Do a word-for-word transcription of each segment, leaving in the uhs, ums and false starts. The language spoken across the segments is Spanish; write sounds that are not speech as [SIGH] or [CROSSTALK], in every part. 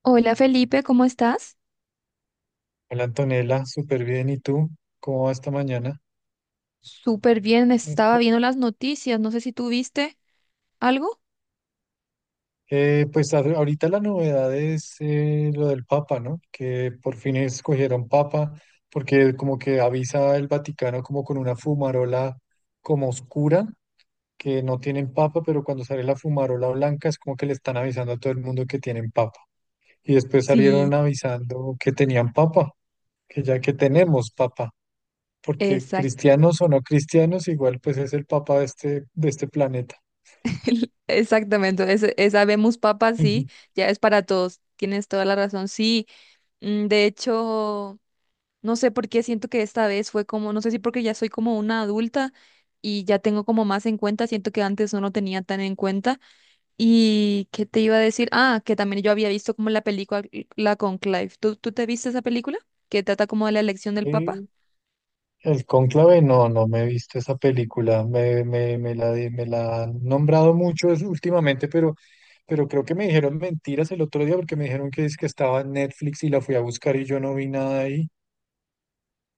Hola Felipe, ¿cómo estás? Hola Antonella, súper bien. ¿Y tú? ¿Cómo va esta mañana? Súper bien, estaba Listo. viendo las noticias, no sé si tú viste algo. Eh, pues a- ahorita la novedad es eh, lo del Papa, ¿no? Que por fin escogieron Papa, porque como que avisa el Vaticano como con una fumarola como oscura, que no tienen Papa, pero cuando sale la fumarola blanca es como que le están avisando a todo el mundo que tienen Papa. Y después Sí, salieron avisando que tenían Papa, que ya que tenemos Papa, porque exacto, cristianos o no cristianos, igual pues es el Papa de este, de este planeta. exactamente, ese- esa vemos papa, sí, Ujú. ya es para todos, tienes toda la razón, sí. mm, De hecho, no sé por qué siento que esta vez fue como, no sé si porque ya soy como una adulta y ya tengo como más en cuenta, siento que antes no lo tenía tan en cuenta. ¿Y qué te iba a decir? Ah, que también yo había visto como la película La Conclave. ¿Tú, tú te viste esa película? Que trata como de la elección del Papa. Eh, El Cónclave, no, no me he visto esa película. Me, me, me la, di- me la han nombrado mucho es- últimamente, pero, pero creo que me dijeron mentiras el otro día porque me dijeron que es que estaba en Netflix y la fui a buscar y yo no vi nada ahí.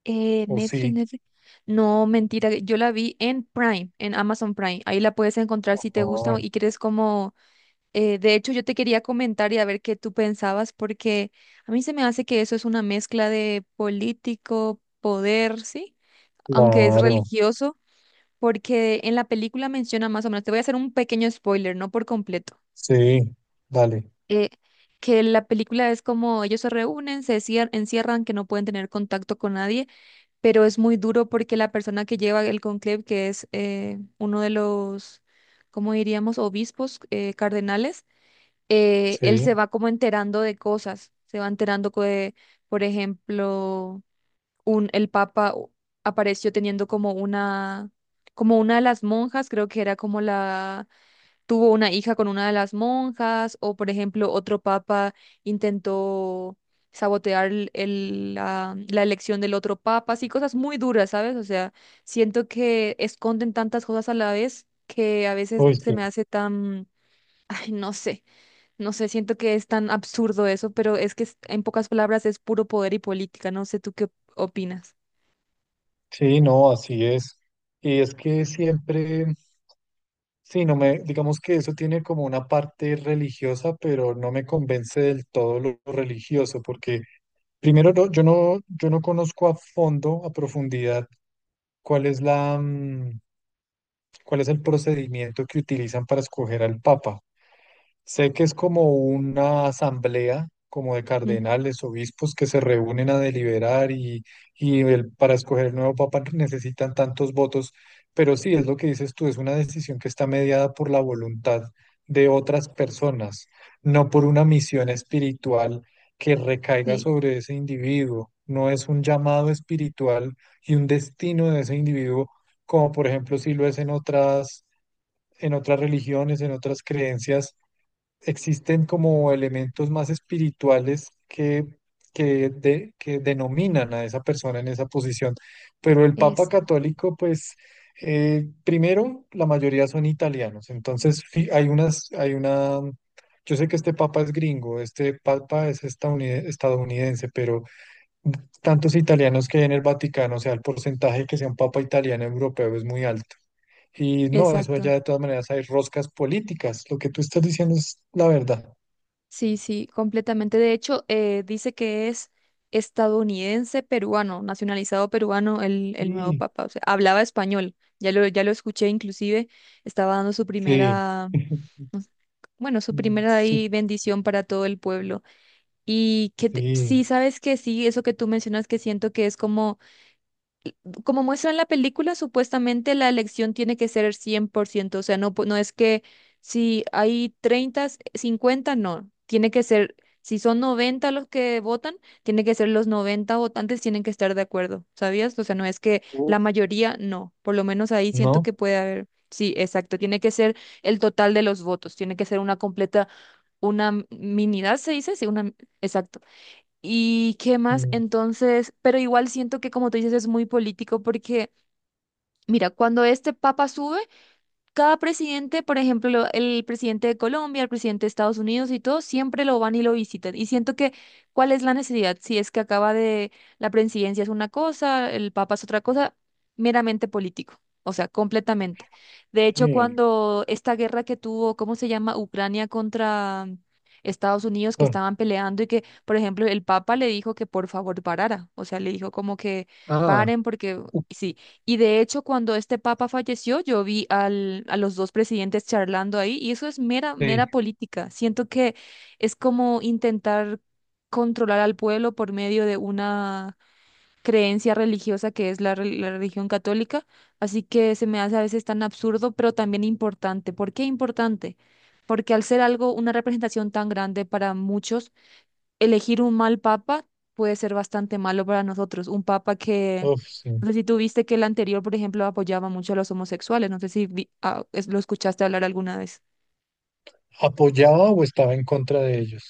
Eh, ¿O Netflix, sí? Netflix. No, mentira, yo la vi en Prime, en Amazon Prime. Ahí la puedes encontrar si te gusta Ah, y quieres como... eh, De hecho, yo te quería comentar y a ver qué tú pensabas, porque a mí se me hace que eso es una mezcla de político, poder, ¿sí? Aunque es claro. religioso, porque en la película menciona más o menos, te voy a hacer un pequeño spoiler, no por completo. Sí, dale. eh, que la película es como ellos se reúnen, se cier- encierran, que no pueden tener contacto con nadie, pero es muy duro porque la persona que lleva el conclave, que es eh, uno de los, ¿cómo diríamos?, obispos, eh, cardenales, eh, él Sí. se va como enterando de cosas, se va enterando que, por ejemplo, un, el Papa u- apareció teniendo como una, como una de las monjas, creo que era como la tuvo una hija con una de las monjas, o por ejemplo, otro papa intentó sabotear el- el- la, la elección del otro papa, así cosas muy duras, ¿sabes? O sea, siento que esconden tantas cosas a la vez que a veces Uy, se me sí. hace tan, ay, no sé, no sé, siento que es tan absurdo eso, pero es que es- en pocas palabras es puro poder y política, no sé tú qué opinas. Sí, no, así es. Y es que siempre. Sí, no me, digamos que eso tiene como una parte religiosa, pero no me convence del todo lo religioso, porque primero no- yo no, yo no conozco a fondo, a profundidad, cuál es la, mm, cuál es el procedimiento que utilizan para escoger al Papa. Sé que es como una asamblea, como de Mm. cardenales, obispos que se reúnen a deliberar y, y el- para escoger el nuevo papa necesitan tantos votos, pero sí, es lo que dices tú, es una decisión que está mediada por la voluntad de otras personas, no por una misión espiritual que recaiga Sí, sobre ese individuo. No es un llamado espiritual y un destino de ese individuo, como por ejemplo si lo es en otras, en otras religiones, en otras creencias existen como elementos más espirituales que, que, de- que denominan a esa persona en esa posición. Pero el Papa es. Católico, pues, eh, primero, la mayoría son italianos. Entonces, fi- hay unas, hay una, yo sé que este Papa es gringo, este Papa es estadounid- estadounidense, pero tantos italianos que hay en el Vaticano, o sea, el porcentaje que sea un papa italiano europeo es muy alto. Y no, eso allá Exacto. de todas maneras hay roscas políticas. Lo que tú estás diciendo es la verdad. Sí, sí, completamente. De hecho, eh, dice que es estadounidense peruano, nacionalizado peruano el, el nuevo Sí, papa. O sea, hablaba español. Ya lo, ya lo escuché, inclusive estaba dando su sí. primera, [LAUGHS] pues, bueno, su Mm, primera su- ahí bendición para todo el pueblo. Y que te- Sí. sí, sabes que sí, eso que tú mencionas, que siento que es como como muestra en la película, supuestamente la elección tiene que ser cien por ciento, o sea, no, po- no es que si hay treinta, cincuenta no, tiene que ser, si son noventa los que votan, tiene que ser, los noventa votantes tienen que estar de acuerdo, ¿sabías? O sea, no es que la Uf, mayoría, no, por lo menos ahí siento ¿no? que puede haber, sí, exacto, tiene que ser el total de los votos, tiene que ser una completa, una m- minidad, se dice, sí, una, exacto. ¿Y qué más? Mm, Entonces, pero igual siento que como tú dices es muy político, porque mira, cuando este papa sube, cada presidente, por ejemplo, lo- el presidente de Colombia, el presidente de Estados Unidos y todo, siempre lo van y lo visitan. Y siento que, ¿cuál es la necesidad? Si es que acaba de, la presidencia es una cosa, el papa es otra cosa, meramente político, o sea, completamente. De hecho, sí. cuando esta guerra que tuvo, ¿cómo se llama? Ucrania contra Estados Unidos, que Bueno, estaban peleando y que, por ejemplo, el papa le dijo que por favor parara, o sea, le dijo como que ah, paren porque... uf, Sí, y de hecho, cuando este papa falleció, yo vi al, a los dos presidentes charlando ahí y eso es mera, sí. mera política. Siento que es como intentar controlar al pueblo por medio de una creencia religiosa que es la, re- la religión católica. Así que se me hace a veces tan absurdo, pero también importante. ¿Por qué importante? Porque al ser algo, una representación tan grande para muchos, elegir un mal papa puede ser bastante malo para nosotros. Un papa que, Uf, sí. no sé si tú viste que el anterior, por ejemplo, apoyaba mucho a los homosexuales, no sé si vi- ah, es- lo escuchaste hablar alguna vez. ¿Apoyaba o estaba en contra de ellos?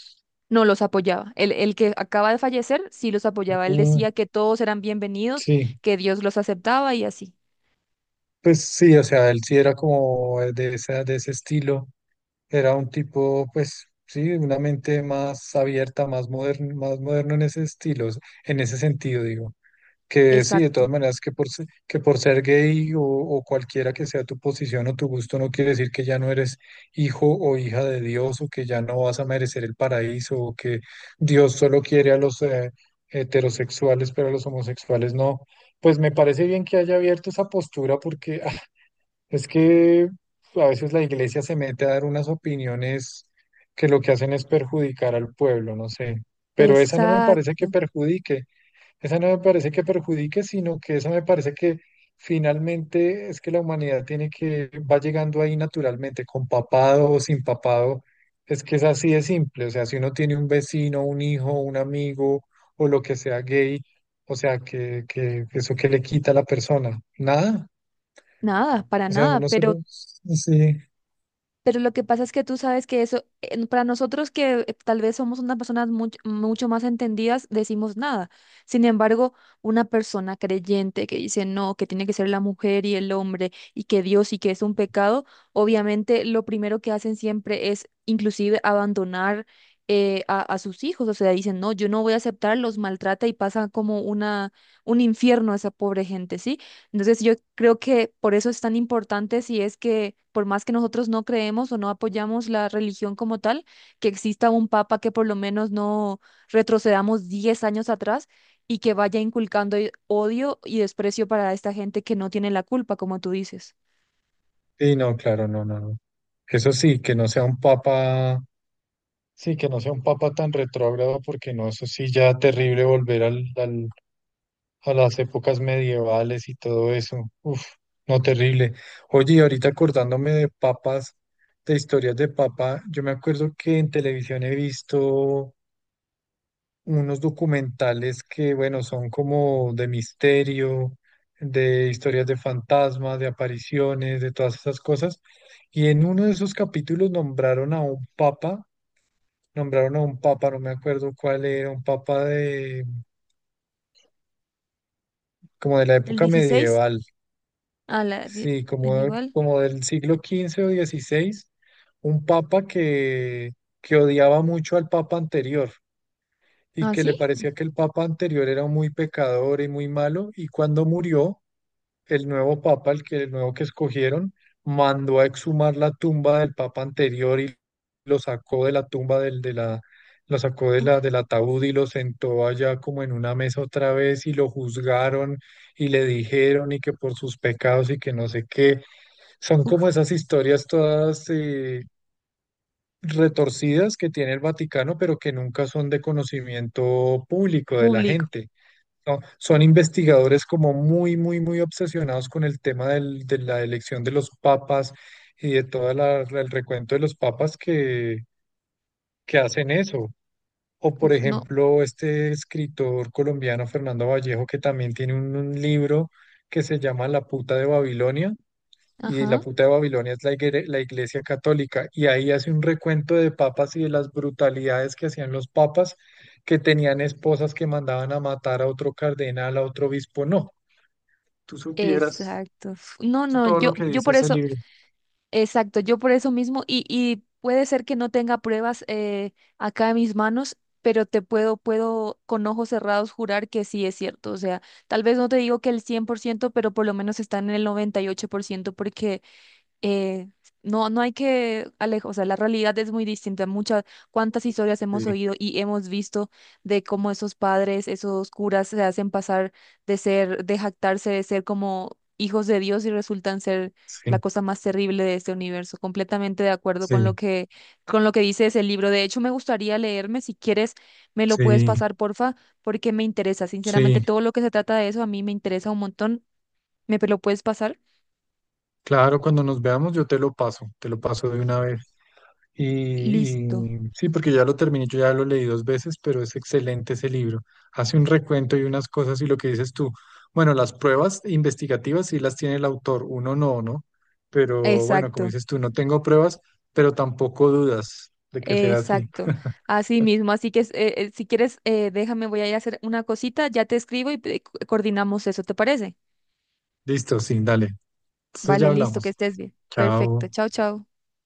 No los apoyaba. El, el que acaba de fallecer sí los apoyaba. Él Mm, decía que todos eran bienvenidos, sí. que Dios los aceptaba y así. Pues sí, o sea, él sí era como de esa, de ese estilo. Era un tipo, pues sí, una mente más abierta, más moderno, más moderno en ese estilo, en ese sentido, digo. Que sí, de Exacto, todas maneras, que por, se- que por ser gay o, o cualquiera que sea tu posición o tu gusto, no quiere decir que ya no eres hijo o hija de Dios o que ya no vas a merecer el paraíso o que Dios solo quiere a los eh, heterosexuales, pero a los homosexuales no. Pues me parece bien que haya abierto esa postura porque ah, es que a veces la iglesia se mete a dar unas opiniones que lo que hacen es perjudicar al pueblo, no sé. Pero esa no me parece que exacto. perjudique. Esa no me parece que perjudique, sino que esa me parece que finalmente es que la humanidad tiene que, va llegando ahí naturalmente, con papado o sin papado, es que es así de simple, o sea, si uno tiene un vecino, un hijo, un amigo o lo que sea gay, o sea, que, que que eso que le quita a la persona, nada, Nada, para o sea, nada, uno pero... solo, sí, Pero lo que pasa es que tú sabes que eso, eh, para nosotros que eh, tal vez somos unas personas mucho, mucho más entendidas, decimos nada. Sin embargo, una persona creyente que dice no, que tiene que ser la mujer y el hombre y que Dios y que es un pecado, obviamente lo primero que hacen siempre es inclusive abandonar eh, a, a sus hijos. O sea, dicen no, yo no voy a aceptar, los maltrata y pasa como una, un infierno a esa pobre gente, ¿sí? Entonces yo creo que por eso es tan importante, si es que por más que nosotros no creemos o no apoyamos la religión como tal, que exista un papa que por lo menos no retrocedamos diez años atrás y que vaya inculcando eh, odio y desprecio para esta gente que no tiene la culpa, como tú dices. sí, no, claro, no, no, no. Eso sí, que no sea un papa, sí, que no sea un papa tan retrógrado, porque no, eso sí ya terrible volver al, al, a las épocas medievales y todo eso. Uf, no terrible. Oye, y ahorita acordándome de papas, de historias de papa, yo me acuerdo que en televisión he visto unos documentales que, bueno, son como de misterio, de historias de fantasmas, de apariciones, de todas esas cosas. Y en uno de esos capítulos nombraron a un papa, nombraron a un papa, no me acuerdo cuál era, un papa de como de la El época dieciséis medieval. a la die- Sí, como, medieval. como del siglo quince o dieciséis, un papa que, que odiaba mucho al papa anterior y ¿Ah, que le sí? parecía que el papa anterior era muy pecador y muy malo, y cuando murió, el nuevo papa, el que, el nuevo que escogieron, mandó a exhumar la tumba del papa anterior y lo sacó de la tumba del, de la, lo sacó de la, del ataúd y lo sentó allá como en una mesa otra vez y lo juzgaron y le dijeron y que por sus pecados y que no sé qué, son como Uf, esas historias todas eh, retorcidas que tiene el Vaticano, pero que nunca son de conocimiento público de la público. gente. ¿No? Son investigadores como muy, muy, muy obsesionados con el tema del- de la elección de los papas y de todo el recuento de los papas que, que hacen eso. O por Uf, no. ejemplo, este escritor colombiano Fernando Vallejo, que también tiene un un libro que se llama La puta de Babilonia, y la Ajá. puta de Babilonia es la, igre- la Iglesia Católica, y ahí hace un recuento de papas y de las brutalidades que hacían los papas, que tenían esposas que mandaban a matar a otro cardenal, a otro obispo. No, tú supieras Exacto. Uf, no, no, todo lo yo, que yo dice por ese eso... libro. Exacto, yo por eso mismo, y, y puede ser que no tenga pruebas eh, acá en mis manos, pero te puedo, puedo con ojos cerrados jurar que sí es cierto. O sea, tal vez no te digo que el cien por ciento, pero por lo menos está en el noventa y ocho por ciento porque eh, no, no hay que alejar, o sea, la realidad es muy distinta. Muchas, cuántas historias hemos Sí, oído y hemos visto de cómo esos padres, esos curas se hacen pasar de ser, de jactarse, de ser como hijos de Dios y resultan ser la sí, cosa más terrible de este universo. Completamente de acuerdo con lo sí, que, con lo que dice ese libro. De hecho, me gustaría leerme, si quieres, me lo puedes sí, pasar, porfa, porque me interesa. Sinceramente, sí. todo lo que se trata de eso a mí me interesa un montón. ¿Me lo puedes pasar? Claro, cuando nos veamos yo te lo paso, te lo paso de una vez. Y, Listo. y sí, porque ya lo terminé, yo ya lo leí dos veces, pero es excelente ese libro. Hace un recuento y unas cosas y lo que dices tú. Bueno, las pruebas investigativas sí las tiene el autor, uno no, ¿no? Pero bueno, como Exacto. dices tú, no tengo pruebas, pero tampoco dudas de que sea así. Exacto, así mismo. Así que eh, eh, si quieres, eh, déjame, voy a ir a hacer una cosita, ya te escribo y eh, co- coordinamos eso, ¿te parece? Listo, sí, dale. Entonces ya Vale, listo, que hablamos. estés bien. Perfecto, Chao. chao, chao.